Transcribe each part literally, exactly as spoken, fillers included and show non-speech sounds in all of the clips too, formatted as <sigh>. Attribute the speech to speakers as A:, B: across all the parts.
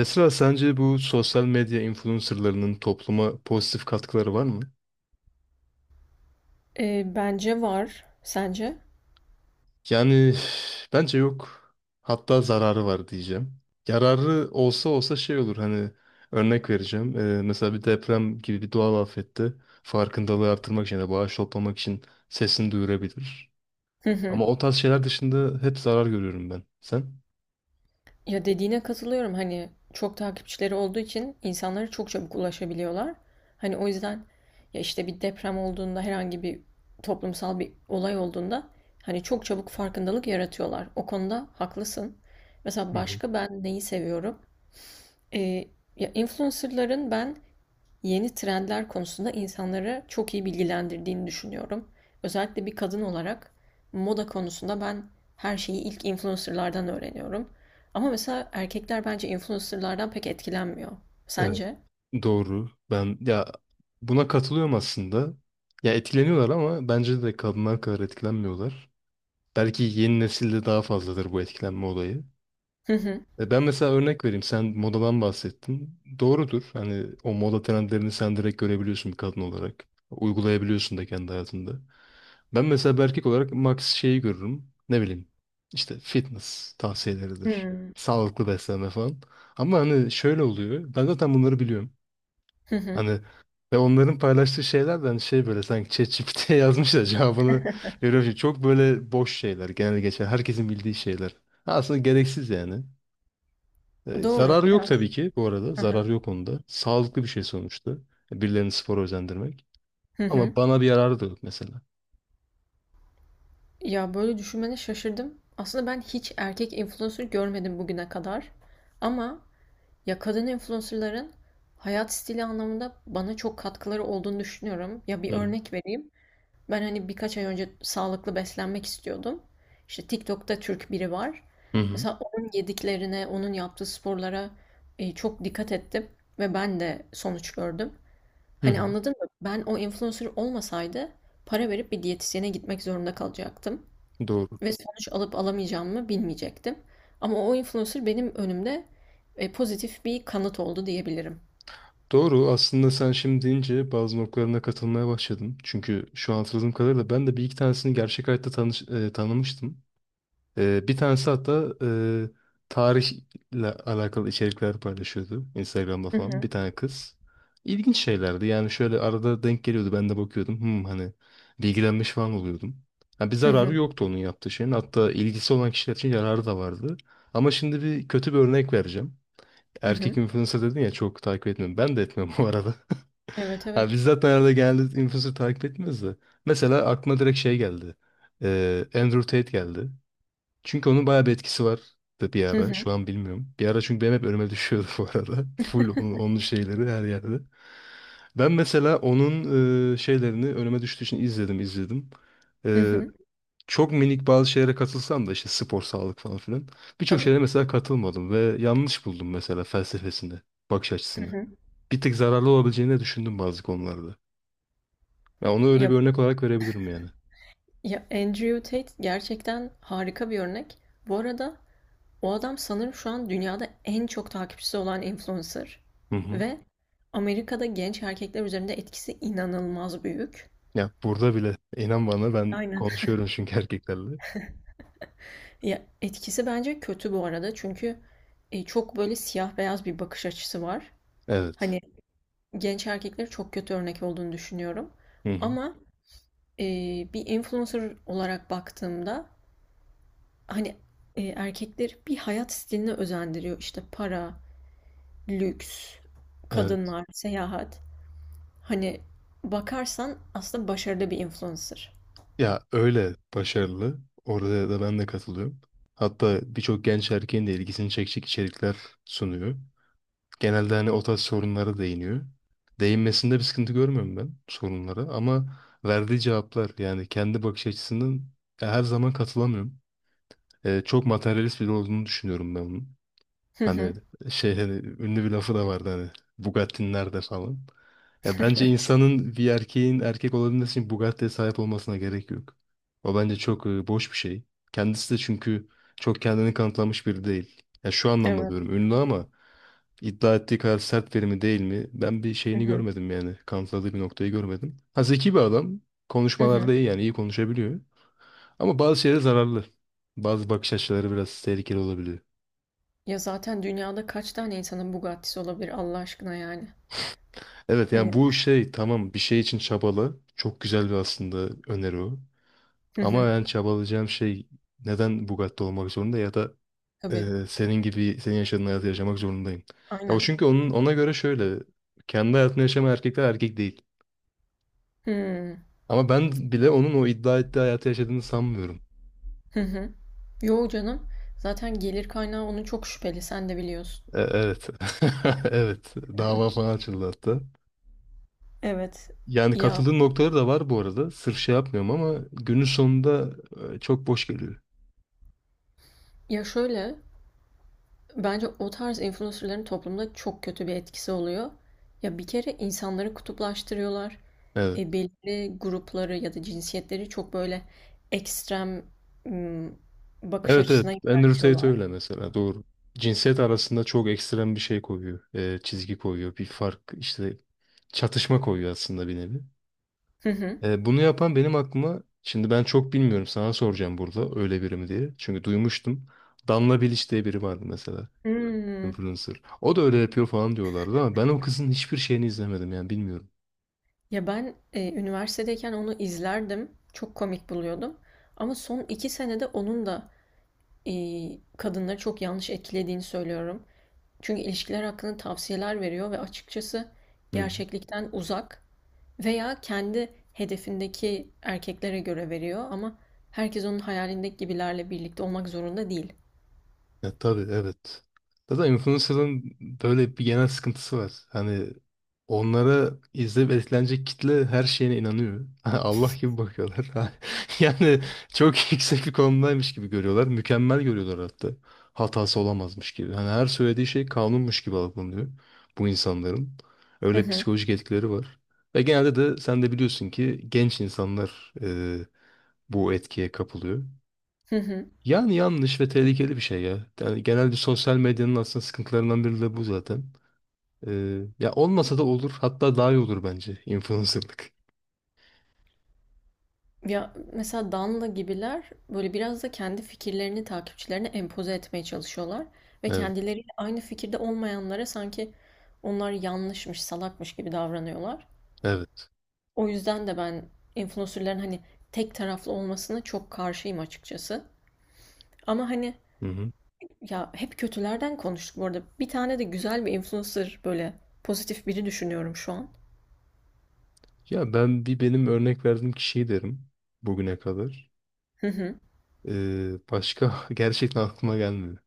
A: Esra, sence bu sosyal medya influencerlarının topluma pozitif katkıları var mı?
B: Eee, bence var. Sence?
A: Yani üf, bence yok. Hatta zararı var diyeceğim. Yararı olsa olsa şey olur, hani örnek vereceğim. Ee, mesela bir deprem gibi bir doğal afette farkındalığı artırmak için ya da bağış toplamak için sesini duyurabilir.
B: Hı hı.
A: Ama o tarz şeyler dışında hep zarar görüyorum ben. Sen?
B: Ya dediğine katılıyorum. Hani çok takipçileri olduğu için insanlara çok çabuk ulaşabiliyorlar. Hani o yüzden ya işte bir deprem olduğunda herhangi bir toplumsal bir olay olduğunda hani çok çabuk farkındalık yaratıyorlar. O konuda haklısın. Mesela
A: Hı hı.
B: başka ben neyi seviyorum? Eee, Ya influencerların ben yeni trendler konusunda insanları çok iyi bilgilendirdiğini düşünüyorum. Özellikle bir kadın olarak moda konusunda ben her şeyi ilk influencerlardan öğreniyorum. Ama mesela erkekler bence influencerlardan pek etkilenmiyor.
A: Evet.
B: Sence?
A: Doğru. Ben ya buna katılıyorum aslında. Ya etkileniyorlar ama bence de kadınlar kadar etkilenmiyorlar. Belki yeni nesilde daha fazladır bu etkilenme olayı.
B: Hı hı.
A: E, Ben mesela örnek vereyim. Sen modadan bahsettin. Doğrudur. Hani o moda trendlerini sen direkt görebiliyorsun bir kadın olarak. Uygulayabiliyorsun da kendi hayatında. Ben mesela bir erkek olarak max şeyi görürüm. Ne bileyim, işte fitness tavsiyeleridir.
B: Hmm.
A: Sağlıklı beslenme falan. Ama hani şöyle oluyor. Ben zaten bunları biliyorum.
B: Hı hı.
A: Hani ve onların paylaştığı şeyler de hani şey, böyle sanki ChatGPT'ye <laughs> yazmış da cevabını veriyor. Şimdi çok böyle boş şeyler, genel geçer. Herkesin bildiği şeyler. Aslında gereksiz yani. E,
B: Doğru
A: zararı yok
B: biraz.
A: tabii ki bu arada.
B: Hı hı.
A: Zararı yok onda. Sağlıklı bir şey sonuçta. E, Birilerini spora özendirmek.
B: Hı hı.
A: Ama bana bir yararı da yok mesela.
B: Ya böyle düşünmene şaşırdım. Aslında ben hiç erkek influencer görmedim bugüne kadar. Ama ya kadın influencer'ların hayat stili anlamında bana çok katkıları olduğunu düşünüyorum. Ya bir
A: Hı hı.
B: örnek vereyim. Ben hani birkaç ay önce sağlıklı beslenmek istiyordum. İşte TikTok'ta Türk biri var.
A: Hı hı.
B: Mesela onun yediklerine, onun yaptığı sporlara e, çok dikkat ettim ve ben de sonuç gördüm.
A: Hı
B: Hani
A: hı.
B: anladın mı? Ben o influencer olmasaydı para verip bir diyetisyene gitmek zorunda kalacaktım.
A: Doğru.
B: Ve sonuç alıp alamayacağımı bilmeyecektim. Ama o influencer benim önümde, eee, pozitif bir kanıt oldu diyebilirim.
A: Doğru. Aslında sen şimdi deyince bazı noktalarına katılmaya başladım. Çünkü şu an hatırladığım kadarıyla ben de bir iki tanesini gerçek hayatta tanış, e, tanımıştım. Ee, bir tanesi hatta e, tarihle alakalı içerikler paylaşıyordu Instagram'da
B: Hı
A: falan,
B: hı.
A: bir tane kız. İlginç şeylerdi yani, şöyle arada denk geliyordu, ben de bakıyordum, hmm, hani bilgilenmiş falan oluyordum. Ha, bir
B: Hı
A: zararı
B: hı.
A: yoktu onun yaptığı şeyin, hatta ilgisi olan kişiler için yararı da vardı. Ama şimdi bir kötü bir örnek vereceğim.
B: Hı
A: Erkek
B: hı.
A: influencer dedin ya, çok takip etmiyorum. Ben de etmiyorum bu arada.
B: Evet,
A: <laughs>
B: evet.
A: Ha, biz zaten arada genelde influencer takip etmiyoruz da. Mesela aklıma direkt şey geldi. Ee, Andrew Tate geldi. Çünkü onun bayağı bir etkisi var, da bir
B: Hı
A: ara.
B: hı.
A: Şu an bilmiyorum. Bir ara, çünkü benim hep önüme düşüyordu bu arada. <laughs> Full onun, onun
B: <laughs>
A: şeyleri her yerde. Ben mesela onun e, şeylerini önüme düştüğü için izledim izledim.
B: Hı
A: E,
B: hı.
A: çok minik bazı şeylere katılsam da, işte spor, sağlık falan filan. Birçok
B: Tabii.
A: şeylere mesela katılmadım ve yanlış buldum mesela felsefesini, bakış
B: Hı
A: açısını.
B: hı.
A: Bir tık zararlı olabileceğini de düşündüm bazı konularda. Ya onu öyle
B: Ya
A: bir örnek olarak verebilirim yani.
B: ya Andrew Tate gerçekten harika bir örnek. Bu arada o adam sanırım şu an dünyada en çok takipçisi olan influencer
A: Hı hı.
B: ve Amerika'da genç erkekler üzerinde etkisi inanılmaz büyük.
A: Ya burada bile, inan bana, ben
B: Aynen.
A: konuşuyorum çünkü <laughs> erkeklerle.
B: Ya, etkisi bence kötü bu arada çünkü, eee, çok böyle siyah beyaz bir bakış açısı var.
A: Evet.
B: Hani, genç erkeklere çok kötü örnek olduğunu düşünüyorum
A: Hı hı.
B: ama, eee, bir influencer olarak baktığımda, hani, eee, erkekleri bir hayat stiline özendiriyor. İşte, para, lüks,
A: Evet.
B: kadınlar, seyahat. Hani, bakarsan aslında başarılı bir influencer.
A: Ya öyle başarılı. Orada da ben de katılıyorum. Hatta birçok genç erkeğin de ilgisini çekecek içerikler sunuyor. Genelde hani o tarz sorunlara değiniyor. Değinmesinde bir sıkıntı görmüyorum ben sorunlara, ama verdiği cevaplar, yani kendi bakış açısının, ya her zaman katılamıyorum. Ee, çok materyalist biri olduğunu düşünüyorum ben onun.
B: Hı
A: Hani
B: hı.
A: şey, hani ünlü bir lafı da vardı hani, Bugatti'nin nerede falan. Ya bence
B: <laughs>
A: insanın, bir erkeğin erkek olabilmesi için Bugatti'ye sahip olmasına gerek yok. O bence çok e, boş bir şey. Kendisi de çünkü çok kendini kanıtlamış biri değil. Ya şu anlamda
B: Evet.
A: diyorum, ünlü ama iddia ettiği kadar sert biri mi, değil mi? Ben bir
B: Hı
A: şeyini
B: hı.
A: görmedim yani. Kanıtladığı bir noktayı görmedim. Ha, zeki bir adam.
B: Hı hı.
A: Konuşmalarda iyi, yani iyi konuşabiliyor. Ama bazı şeylere zararlı. Bazı bakış açıları biraz tehlikeli olabiliyor.
B: Ya, zaten dünyada kaç tane insanın Bugatti'si olabilir Allah aşkına yani?
A: Evet yani,
B: Hani.
A: bu şey tamam, bir şey için çabalı. Çok güzel bir, aslında öneri o.
B: Hı
A: Ama
B: hı.
A: ben çabalayacağım şey neden Bugatti olmak zorunda, ya da
B: Tabii.
A: e, senin gibi, senin yaşadığın hayatı yaşamak zorundayım. Ya o,
B: Aynen.
A: çünkü onun, ona göre şöyle, kendi hayatını yaşayan erkekler erkek değil.
B: Hı.
A: Ama ben bile onun o iddia ettiği hayatı yaşadığını sanmıyorum.
B: Hı hı. Yo canım. Zaten gelir kaynağı onun çok şüpheli. Sen de biliyorsun.
A: E, evet. <laughs> Evet. Dava falan açıldı hatta.
B: Evet.
A: Yani
B: Ya
A: katıldığım noktaları da var bu arada. Sırf şey yapmıyorum ama günün sonunda e, çok boş geliyor.
B: ya şöyle bence o tarz influencerların toplumda çok kötü bir etkisi oluyor. Ya bir kere insanları kutuplaştırıyorlar.
A: Evet.
B: E, belirli grupları ya da cinsiyetleri çok böyle ekstrem ım, bakış
A: Evet evet.
B: açısına
A: Andrew Tate
B: yöneltiyorlar.
A: öyle mesela. Doğru. Cinsiyet arasında çok ekstrem bir şey koyuyor. e, çizgi koyuyor. Bir fark, işte çatışma koyuyor aslında, bir nevi.
B: Hı hı.
A: E, bunu yapan, benim aklıma şimdi, ben çok bilmiyorum, sana soracağım burada öyle biri mi diye. Çünkü duymuştum. Damla Bilic diye biri vardı mesela.
B: Hmm.
A: Influencer. O da öyle yapıyor falan diyorlardı ama ben o kızın hiçbir şeyini izlemedim yani, bilmiyorum.
B: Ya ben e, üniversitedeyken onu izlerdim. Çok komik buluyordum. Ama son iki senede onun da e, kadınları çok yanlış etkilediğini söylüyorum. Çünkü ilişkiler hakkında tavsiyeler veriyor ve açıkçası
A: Hı.
B: gerçeklikten uzak veya kendi hedefindeki erkeklere göre veriyor ama herkes onun hayalindeki gibilerle birlikte olmak zorunda değil.
A: Ya tabii, evet. Zaten influencer'ın böyle bir genel sıkıntısı var. Hani onlara, izleyip etkilenecek kitle her şeyine inanıyor. <laughs> Allah gibi bakıyorlar. <laughs> Yani çok yüksek bir konumdaymış gibi görüyorlar. Mükemmel görüyorlar hatta. Hatası olamazmış gibi. Hani her söylediği şey kanunmuş gibi algılanıyor bu insanların.
B: Hı
A: Öyle
B: hı,
A: psikolojik etkileri var. Ve genelde de, sen de biliyorsun ki, genç insanlar e, bu etkiye kapılıyor.
B: hı hı.
A: Yani yanlış ve tehlikeli bir şey ya. Yani genelde sosyal medyanın aslında sıkıntılarından biri de bu zaten. Ee, ya olmasa da olur. Hatta daha iyi olur bence influencerlık.
B: Ya mesela Danla gibiler böyle biraz da kendi fikirlerini takipçilerine empoze etmeye çalışıyorlar ve
A: Evet.
B: kendileriyle aynı fikirde olmayanlara sanki onlar yanlışmış, salakmış gibi davranıyorlar.
A: Evet.
B: O yüzden de ben influencerların hani tek taraflı olmasına çok karşıyım açıkçası. Ama hani
A: Hı hı.
B: ya hep kötülerden konuştuk bu arada. Bir tane de güzel bir influencer böyle pozitif biri düşünüyorum şu an.
A: Ya ben, bir benim örnek verdiğim kişiyi derim bugüne kadar.
B: Hı hı.
A: Ee, başka <laughs> gerçekten aklıma gelmedi.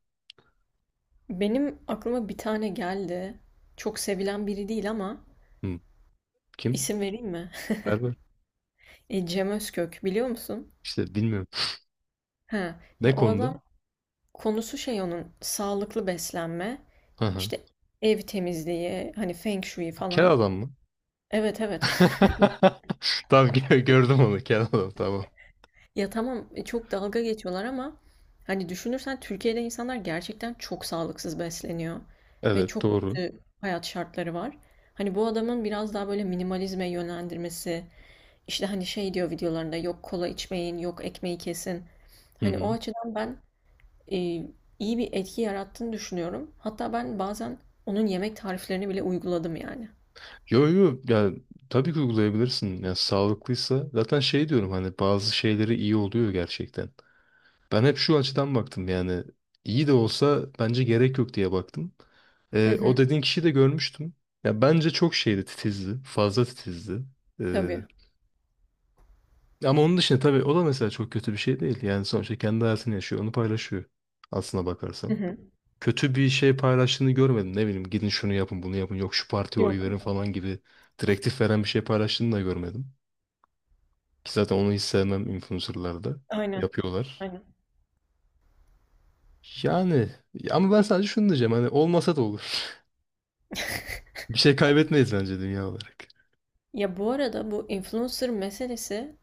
B: Benim aklıma bir tane geldi. Çok sevilen biri değil ama
A: Hı. Kim?
B: isim vereyim mi?
A: Berber.
B: E, Cem Özkök biliyor musun?
A: İşte bilmiyorum.
B: Ha, ya
A: Ne
B: o
A: konuda?
B: adam konusu şey onun sağlıklı beslenme,
A: Hı hı.
B: işte ev temizliği, hani Feng Shui
A: Kel
B: falan.
A: adam mı?
B: Evet evet. <laughs>
A: <laughs> Tamam, gö- gördüm onu, kel adam, tamam.
B: Ya tamam e, çok dalga geçiyorlar ama hani düşünürsen Türkiye'de insanlar gerçekten çok sağlıksız besleniyor ve
A: Evet,
B: çok
A: doğru.
B: kötü hayat şartları var. Hani bu adamın biraz daha böyle minimalizme yönlendirmesi, işte hani şey diyor videolarında yok kola içmeyin, yok ekmeği kesin.
A: Hı
B: Hani o
A: hı.
B: açıdan ben e, iyi bir etki yarattığını düşünüyorum. Hatta ben bazen onun yemek tariflerini bile uyguladım yani.
A: Yo, yo, yani tabii ki uygulayabilirsin. Yani sağlıklıysa zaten, şey diyorum hani bazı şeyleri iyi oluyor gerçekten. Ben hep şu açıdan baktım yani, iyi de olsa bence gerek yok diye baktım.
B: Hı
A: Ee, o
B: hı.
A: dediğin kişiyi de görmüştüm. Ya bence çok şeydi, titizdi. Fazla titizdi. Ee,
B: Tabii.
A: ama onun dışında tabii, o da mesela çok kötü bir şey değil. Yani sonuçta kendi hayatını yaşıyor. Onu paylaşıyor. Aslına
B: Hı
A: bakarsan
B: hı.
A: kötü bir şey paylaştığını görmedim. Ne bileyim, gidin şunu yapın bunu yapın, yok şu partiye oy
B: Yok.
A: verin falan gibi direktif veren bir şey paylaştığını da görmedim. Ki zaten onu hiç sevmem influencerlarda.
B: Aynen.
A: Yapıyorlar.
B: Aynen.
A: Yani, ama ben sadece şunu diyeceğim, hani olmasa da olur. <laughs> Bir şey kaybetmeyiz bence dünya olarak.
B: Ya bu arada bu influencer meselesi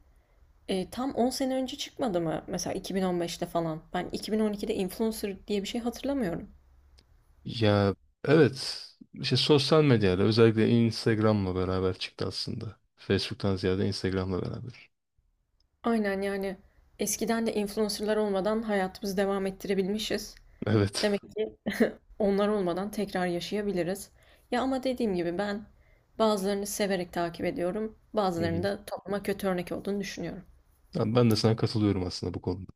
B: e, tam on sene önce çıkmadı mı? Mesela iki bin on beşte falan. Ben iki bin on ikide influencer diye bir şey hatırlamıyorum.
A: Ya evet, işte sosyal medyada özellikle Instagram'la beraber çıktı aslında. Facebook'tan ziyade Instagram'la beraber.
B: Aynen yani eskiden de influencerlar olmadan hayatımızı devam ettirebilmişiz.
A: Evet.
B: Demek ki <laughs> onlar olmadan tekrar yaşayabiliriz. Ya ama dediğim gibi ben bazılarını severek takip ediyorum,
A: Hı hı.
B: bazılarını da topluma kötü örnek olduğunu düşünüyorum.
A: Ya ben de sana katılıyorum aslında bu konuda.